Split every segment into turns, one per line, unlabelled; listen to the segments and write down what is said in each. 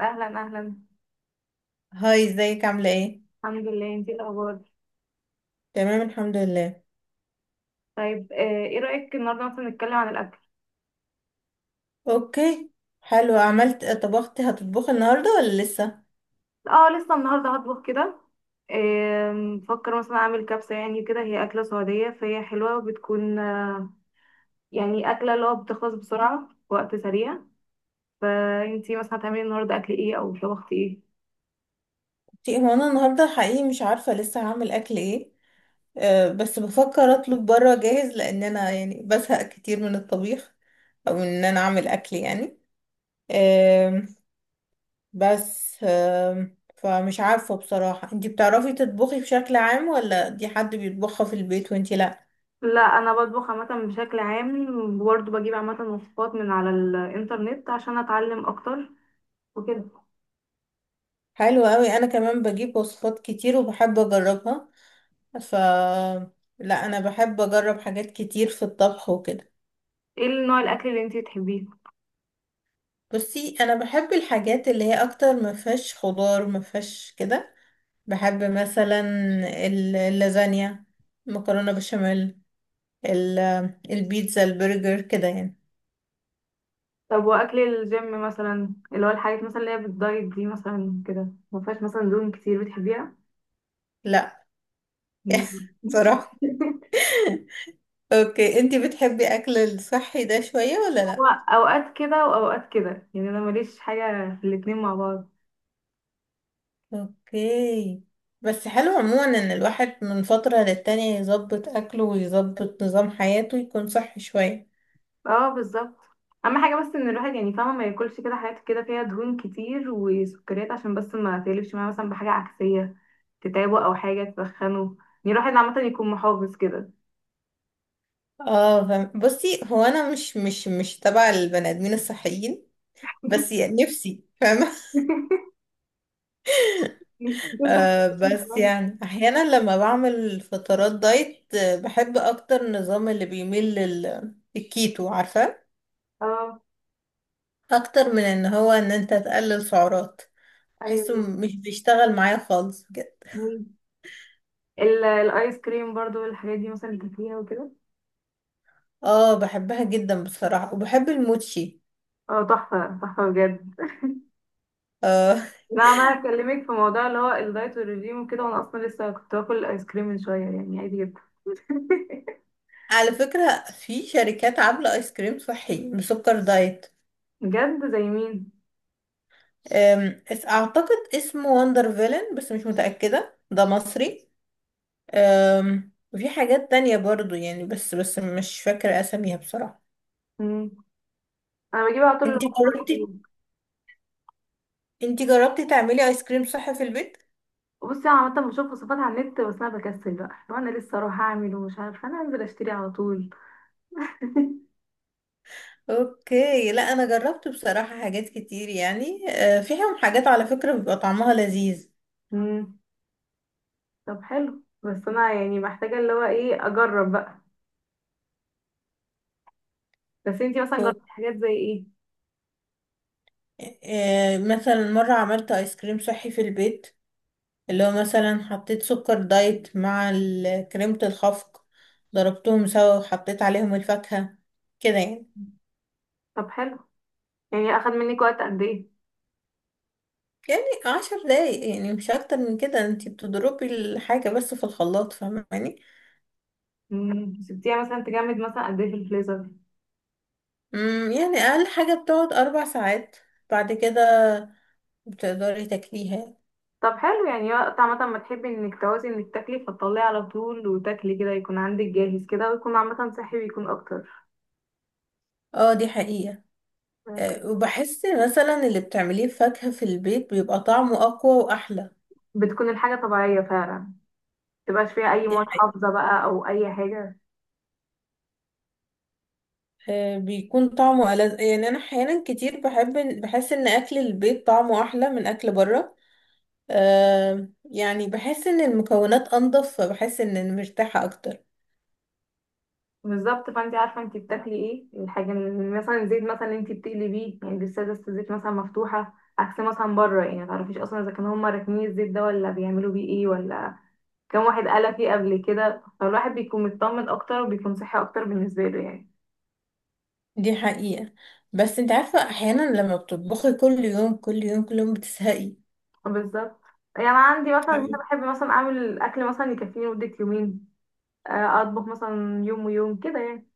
اهلا اهلا.
هاي، ازيك عاملة ايه؟
الحمد لله. انتي إيه الاخبار؟
تمام الحمد لله.
طيب ايه رايك النهارده مثلا نتكلم عن الاكل؟
اوكي. حلو، عملت طبختي هتطبخي النهاردة ولا لسه؟
اه، لسه النهارده هطبخ كده. بفكر مثلا اعمل كبسه، يعني كده هي اكله سعوديه فهي حلوه وبتكون يعني اكله اللي هو بتخلص بسرعه في وقت سريع. فانتي مثلا هتعملي النهارده اكل ايه او طبختي ايه؟
هو انا النهاردة حقيقي مش عارفة لسه هعمل اكل ايه. أه بس بفكر اطلب برا جاهز، لان انا يعني بزهق كتير من الطبيخ، او ان انا اعمل اكل يعني. أه. بس. فمش عارفة بصراحة، انتي بتعرفي تطبخي بشكل عام ولا دي حد بيطبخها في البيت وانتي لا؟
لا، انا بطبخ عامه بشكل عام. وبرضه بجيب عامه وصفات من على الانترنت عشان اتعلم اكتر وكده.
حلو قوي، انا كمان بجيب وصفات كتير وبحب اجربها. ف لا انا بحب اجرب حاجات كتير في الطبخ وكده.
ايه نوع الاكل اللي انتي بتحبيه؟
بصي انا بحب الحاجات اللي هي اكتر ما فيهاش خضار، ما فيهاش كده. بحب مثلا اللازانيا، مكرونه بشاميل، ال- البيتزا، البرجر، كده يعني.
طب واكل الجيم مثلا اللي هو الحاجات مثلا اللي هي بالدايت دي مثلا كده ما فيهاش مثلا دهون كتير بتحبيها؟
لا.
مم.
صراحه. اوكي، انتي بتحبي اكل الصحي ده شويه ولا
هو
لا؟
اوقات كده واوقات كده، يعني انا ماليش حاجه في الاتنين مع بعض.
اوكي. بس حلو عموما ان الواحد من فتره للتانيه يظبط اكله ويظبط نظام حياته، يكون صحي شويه.
اه، بالظبط. اهم حاجه بس ان الواحد يعني فاهمه ما ياكلش كده حاجات كده فيها دهون كتير وسكريات، عشان بس ما تقلبش معاه مثلا بحاجه عكسيه تتعبه او حاجه تسخنه، يعني الواحد عامه يكون محافظ كده.
اه فاهم. بصي هو انا مش تبع البني ادمين الصحيين، بس يعني نفسي فاهمة. آه بس يعني احيانا لما بعمل فترات دايت، بحب اكتر النظام اللي بيميل للكيتو، عارفة؟
اه،
اكتر من ان هو ان انت تقلل سعرات. بحسه مش بيشتغل معايا خالص بجد.
ايوه. الايس كريم برضو والحاجات دي مثلا تاكليها وكده؟
اه بحبها جدا بصراحة، وبحب الموتشي.
اه، تحفه تحفه بجد.
آه.
انا عماله اكلمك في موضوع اللي هو الدايت والرجيم وكده، وانا اصلا لسه كنت باكل الايس كريم من شويه يعني عادي جدا.
على فكرة، في شركات عاملة ايس كريم صحي بسكر دايت.
بجد، زي مين؟
اعتقد اسمه وندر فيلن، بس مش متأكدة ده مصري. وفي حاجات تانية برضو يعني، بس مش فاكرة اساميها بصراحة.
مم. انا بجيب على طول اللي
انتي
هو
جربتي
فرايد.
انتي جربتي تعملي ايس كريم صح في البيت؟
بصي انا عامه بشوف وصفات على النت، بس انا بكسل بقى لو انا لسه اروح اعمل ومش عارفه، انا انزل اشتري على طول.
اوكي. لا انا جربت بصراحة حاجات كتير يعني، فيهم حاجات على فكرة بيبقى طعمها لذيذ.
مم. طب حلو، بس انا يعني محتاجه اللي هو ايه، اجرب بقى. بس انتي مثلا
أوك-
جربتي حاجات زي ايه؟
مثلا مرة عملت ايس كريم صحي في البيت، اللي هو مثلا حطيت سكر دايت مع كريمة الخفق، ضربتهم سوا وحطيت عليهم الفاكهة، كده يعني.
طب حلو، يعني اخد منك وقت قد ايه؟
يعني 10 دقايق يعني، مش أكتر من كده، انتي بتضربي الحاجة بس في الخلاط، فاهماني؟
مم. سبتيها مثلا تجمد مثلا قد ايه في الفريزر؟
يعني أقل حاجة بتقعد 4 ساعات، بعد كده بتقدري تاكليها.
طب حلو، يعني وقت عامة ما تحبي انك تعوزي انك تاكلي فتطلعي على طول وتاكلي كده، يكون عندك جاهز كده ويكون عامة صحي ويكون اكتر.
اه دي حقيقة. وبحس مثلا اللي بتعمليه فاكهة في البيت بيبقى طعمه أقوى وأحلى.
بتكون الحاجة طبيعية فعلا، متبقاش فيها اي
دي
مواد حافظة بقى او اي حاجة.
آه، بيكون طعمه ألذ، يعني انا احيانا كتير بحب بحس ان اكل البيت طعمه احلى من اكل بره. يعني بحس ان المكونات انضف، فبحس ان انا مرتاحة اكتر.
بالظبط، فانت عارفة انت بتاكلي ايه. الحاجة اللي- مثلا الزيت مثلا انت بتقلبيه يعني لسه لسه الزيت مثلا مفتوحة، عكس مثلا بره يعني متعرفيش اصلا اذا كانوا هما راكنين الزيت ده ولا بيعملوا بيه ايه ولا كام واحد قال فيه قبل كده، فالواحد بيكون مطمن اكتر وبيكون صحي اكتر بالنسبه له يعني.
دي حقيقة. بس انت عارفة احيانا لما بتطبخي كل يوم كل يوم كل يوم بتزهقي.
بالظبط. يعني انا عندي مثلا هنا
حقيقي.
بحب مثلا اعمل اكل مثلا يكفيني مده يومين، اطبخ مثلا يوم ويوم كده يعني.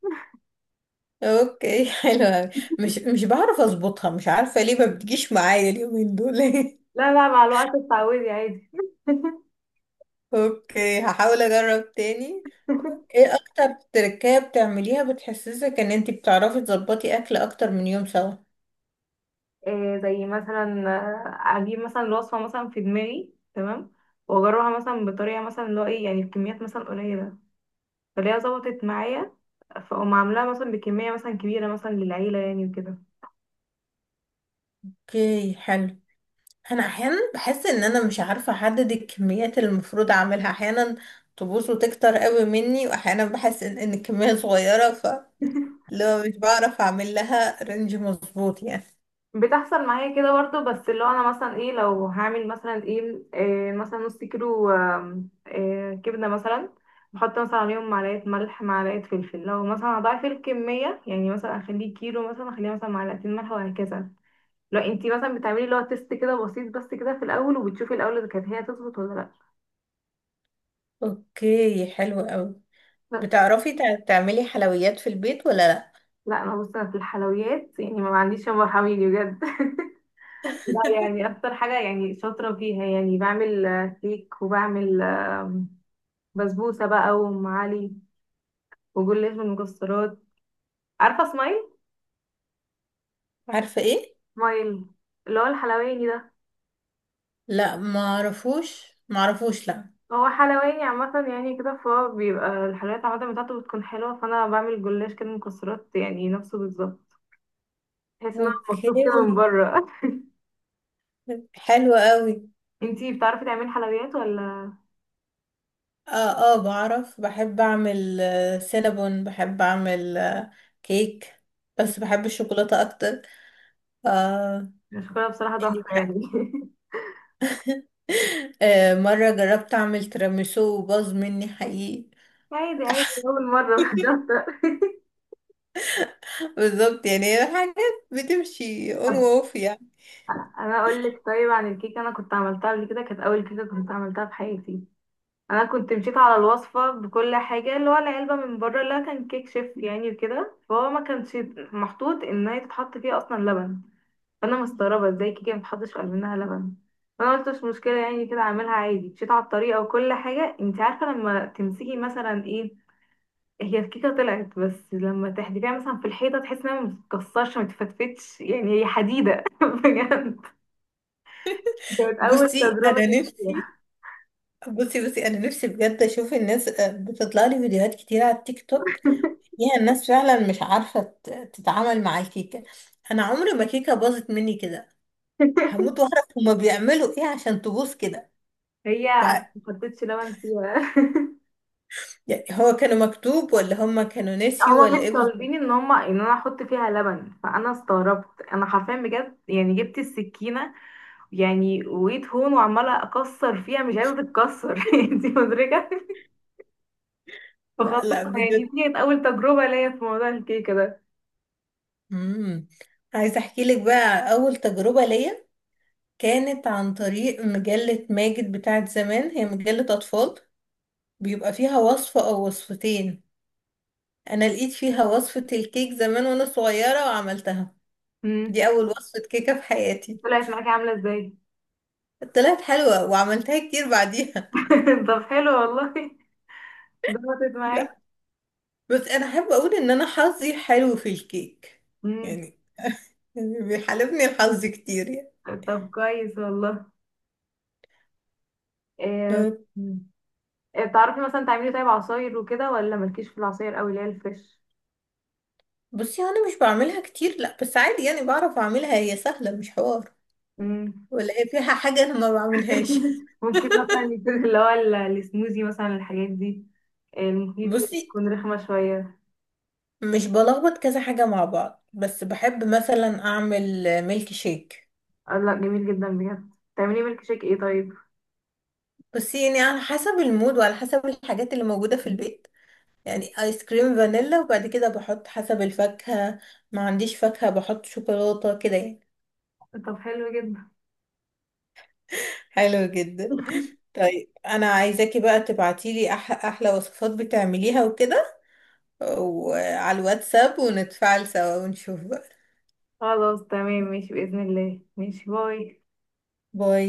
اوكي حلو أوي. مش مش بعرف اظبطها، مش عارفة ليه ما بتجيش معايا اليومين دول.
لا لا، مع الوقت اتعودي عادي.
اوكي هحاول اجرب تاني. ايه اكتر تركية بتعمليها بتحسسك ان انتي بتعرفي تظبطي اكل اكتر من يوم سوا؟
زي مثلا اجيب مثلا الوصفه مثلا في دماغي تمام، واجربها مثلا بطريقه مثلا اللي هو ايه يعني بكميات مثلا قليله، فاللي هي ظبطت معايا فاقوم عاملاها مثلا بكميه مثلا كبيره مثلا للعيله يعني وكده.
اوكي حلو. انا احيانا بحس ان انا مش عارفة احدد الكميات اللي المفروض اعملها، احيانا تبوظ وتكتر قوي مني، واحيانا بحس إن الكمية صغيرة. لو مش بعرف اعمل لها رينج مظبوط يعني.
بتحصل معايا كده برضو، بس اللي هو انا مثلا ايه لو هعمل مثلا إيه مثلا نص كيلو إيه كبده مثلا، بحط مثلا عليهم معلقه ملح معلقه فلفل، لو مثلا هضاعف الكميه يعني مثلا اخليه كيلو مثلا اخليها مثلا معلقتين ملح وهكذا. لو انتي مثلا بتعملي اللي هو تيست كده بسيط بس كده في الاول وبتشوفي الاول اذا كانت هي تظبط ولا لا.
اوكي حلو قوي.
بس.
بتعرفي تعملي حلويات في البيت ولا لا؟
لا انا بص، أنا في الحلويات يعني ما عنديش يا حميدي بجد. لا، يعني اكتر حاجه يعني شاطره فيها يعني بعمل كيك، وبعمل بسبوسة بقى وأم علي وجلاش بالمكسرات. عارفة اسماعيل؟
عارفة ايه؟
اسماعيل اللي هو الحلواني ده.
لا، ما اعرفوش، ما اعرفوش، لا.
هو حلواني عامة يعني كده، فهو بيبقى الحلويات عامة بتاعته بتكون حلوة، فأنا بعمل جلاش كده مكسرات يعني نفسه بالظبط، تحس إن هو
اوكي
مطلوب كده من بره.
حلو قوي.
انتي بتعرفي تعملي حلويات ولا؟
اه اه بعرف، بحب اعمل سينابون، بحب اعمل كيك، بس بحب الشوكولاتة اكتر. آه.
مش كده بصراحة،
اني
تحفة
بحب.
يعني.
آه مرة جربت اعمل تيراميسو وباظ مني حقيقي.
عادي عادي، أول مرة. مش شاطرة.
بالظبط، يعني هي حاجات بتمشي اون
طب،
واوف يعني.
أنا أقول لك. طيب عن الكيكة، أنا كنت عملتها قبل كده، كانت أول كيكة كنت عملتها في حياتي. انا كنت مشيت على الوصفه بكل حاجه اللي هو العلبه من بره اللي هو كان كيك شيف يعني وكده، فهو ما كانش محطوط ان هي تتحط فيه اصلا لبن. فانا مستغربه ازاي كيكه ما تحطش منها لبن. فانا قلت مش مشكله يعني كده اعملها عادي، مشيت على الطريقه وكل حاجه، انت عارفه لما تمسكي مثلا ايه. هي الكيكه طلعت، بس لما تحدفيها مثلا في الحيطه تحسي انها ما بتتكسرش، ما تتفتفتش يعني هي حديده. بجد كانت اول
بصي
تجربه
انا نفسي
ليا.
بصي انا نفسي بجد اشوف الناس، بتطلع لي فيديوهات كتير على التيك توك، فيها الناس فعلا مش عارفة تتعامل مع الكيكة. انا عمري ما كيكة باظت مني كده. هموت واعرف هما بيعملوا ايه عشان تبوظ كده
هي
يعني.
ما حطيتش لبن فيها.
يعني هو كانوا مكتوب ولا هما كانوا نسيوا
هما مش
ولا ايه
طالبين
بالظبط؟
ان هما ان انا احط فيها لبن، فانا استغربت. انا حرفيا بجد يعني جبت السكينه يعني وقيت هون وعماله اكسر فيها مش عايزه تتكسر. انتي مدركه. فخلاص
لا لا
يعني،
بجد.
دي كانت اول تجربه ليا في موضوع الكيكه ده.
امم. عايزه احكي لك بقى على اول تجربه ليا. كانت عن طريق مجله ماجد بتاعت زمان، هي مجله اطفال، بيبقى فيها وصفه او وصفتين. انا لقيت فيها وصفه الكيك زمان وانا صغيره وعملتها.
امم.
دي اول وصفه كيكه في حياتي.
طلعت معاكي عامله ازاي؟
طلعت حلوه وعملتها كتير بعديها.
طب حلو والله، ظبطت معاكي.
بس انا احب اقول ان انا حظي حلو في الكيك
امم.
يعني. يعني بيحالفني الحظ كتير يعني.
طب كويس والله. إيه...
أه.
إيه، تعرفي مثلا تعملي طيب عصاير وكده ولا مالكيش في العصاير قوي اللي هي
بصي انا مش بعملها كتير لا، بس عادي يعني بعرف اعملها، هي سهله مش حوار،
الفريش؟
ولا هي فيها حاجه انا ما بعملهاش.
ممكن مثلا يكون اللي هو السموزي مثلا، الحاجات دي المخيط،
بصي،
تكون رخمة شوية.
مش بلخبط كذا حاجه مع بعض، بس بحب مثلا اعمل ميلك شيك.
آه لا، جميل جدا بجد. تعملي ميلك شيك ايه طيب؟
بس يعني على حسب المود وعلى حسب الحاجات اللي موجوده في البيت. يعني ايس كريم فانيلا، وبعد كده بحط حسب الفاكهه، ما عنديش فاكهه بحط شوكولاته كده يعني.
طب حلو جدا.
حلو جدا. طيب انا عايزاكي بقى تبعتيلي احلى وصفات بتعمليها وكده، وعلى الواتساب ونتفاعل سوا ونشوف بقى.
خلاص تمام، ماشي بإذن الله، ماشي، باي.
باي.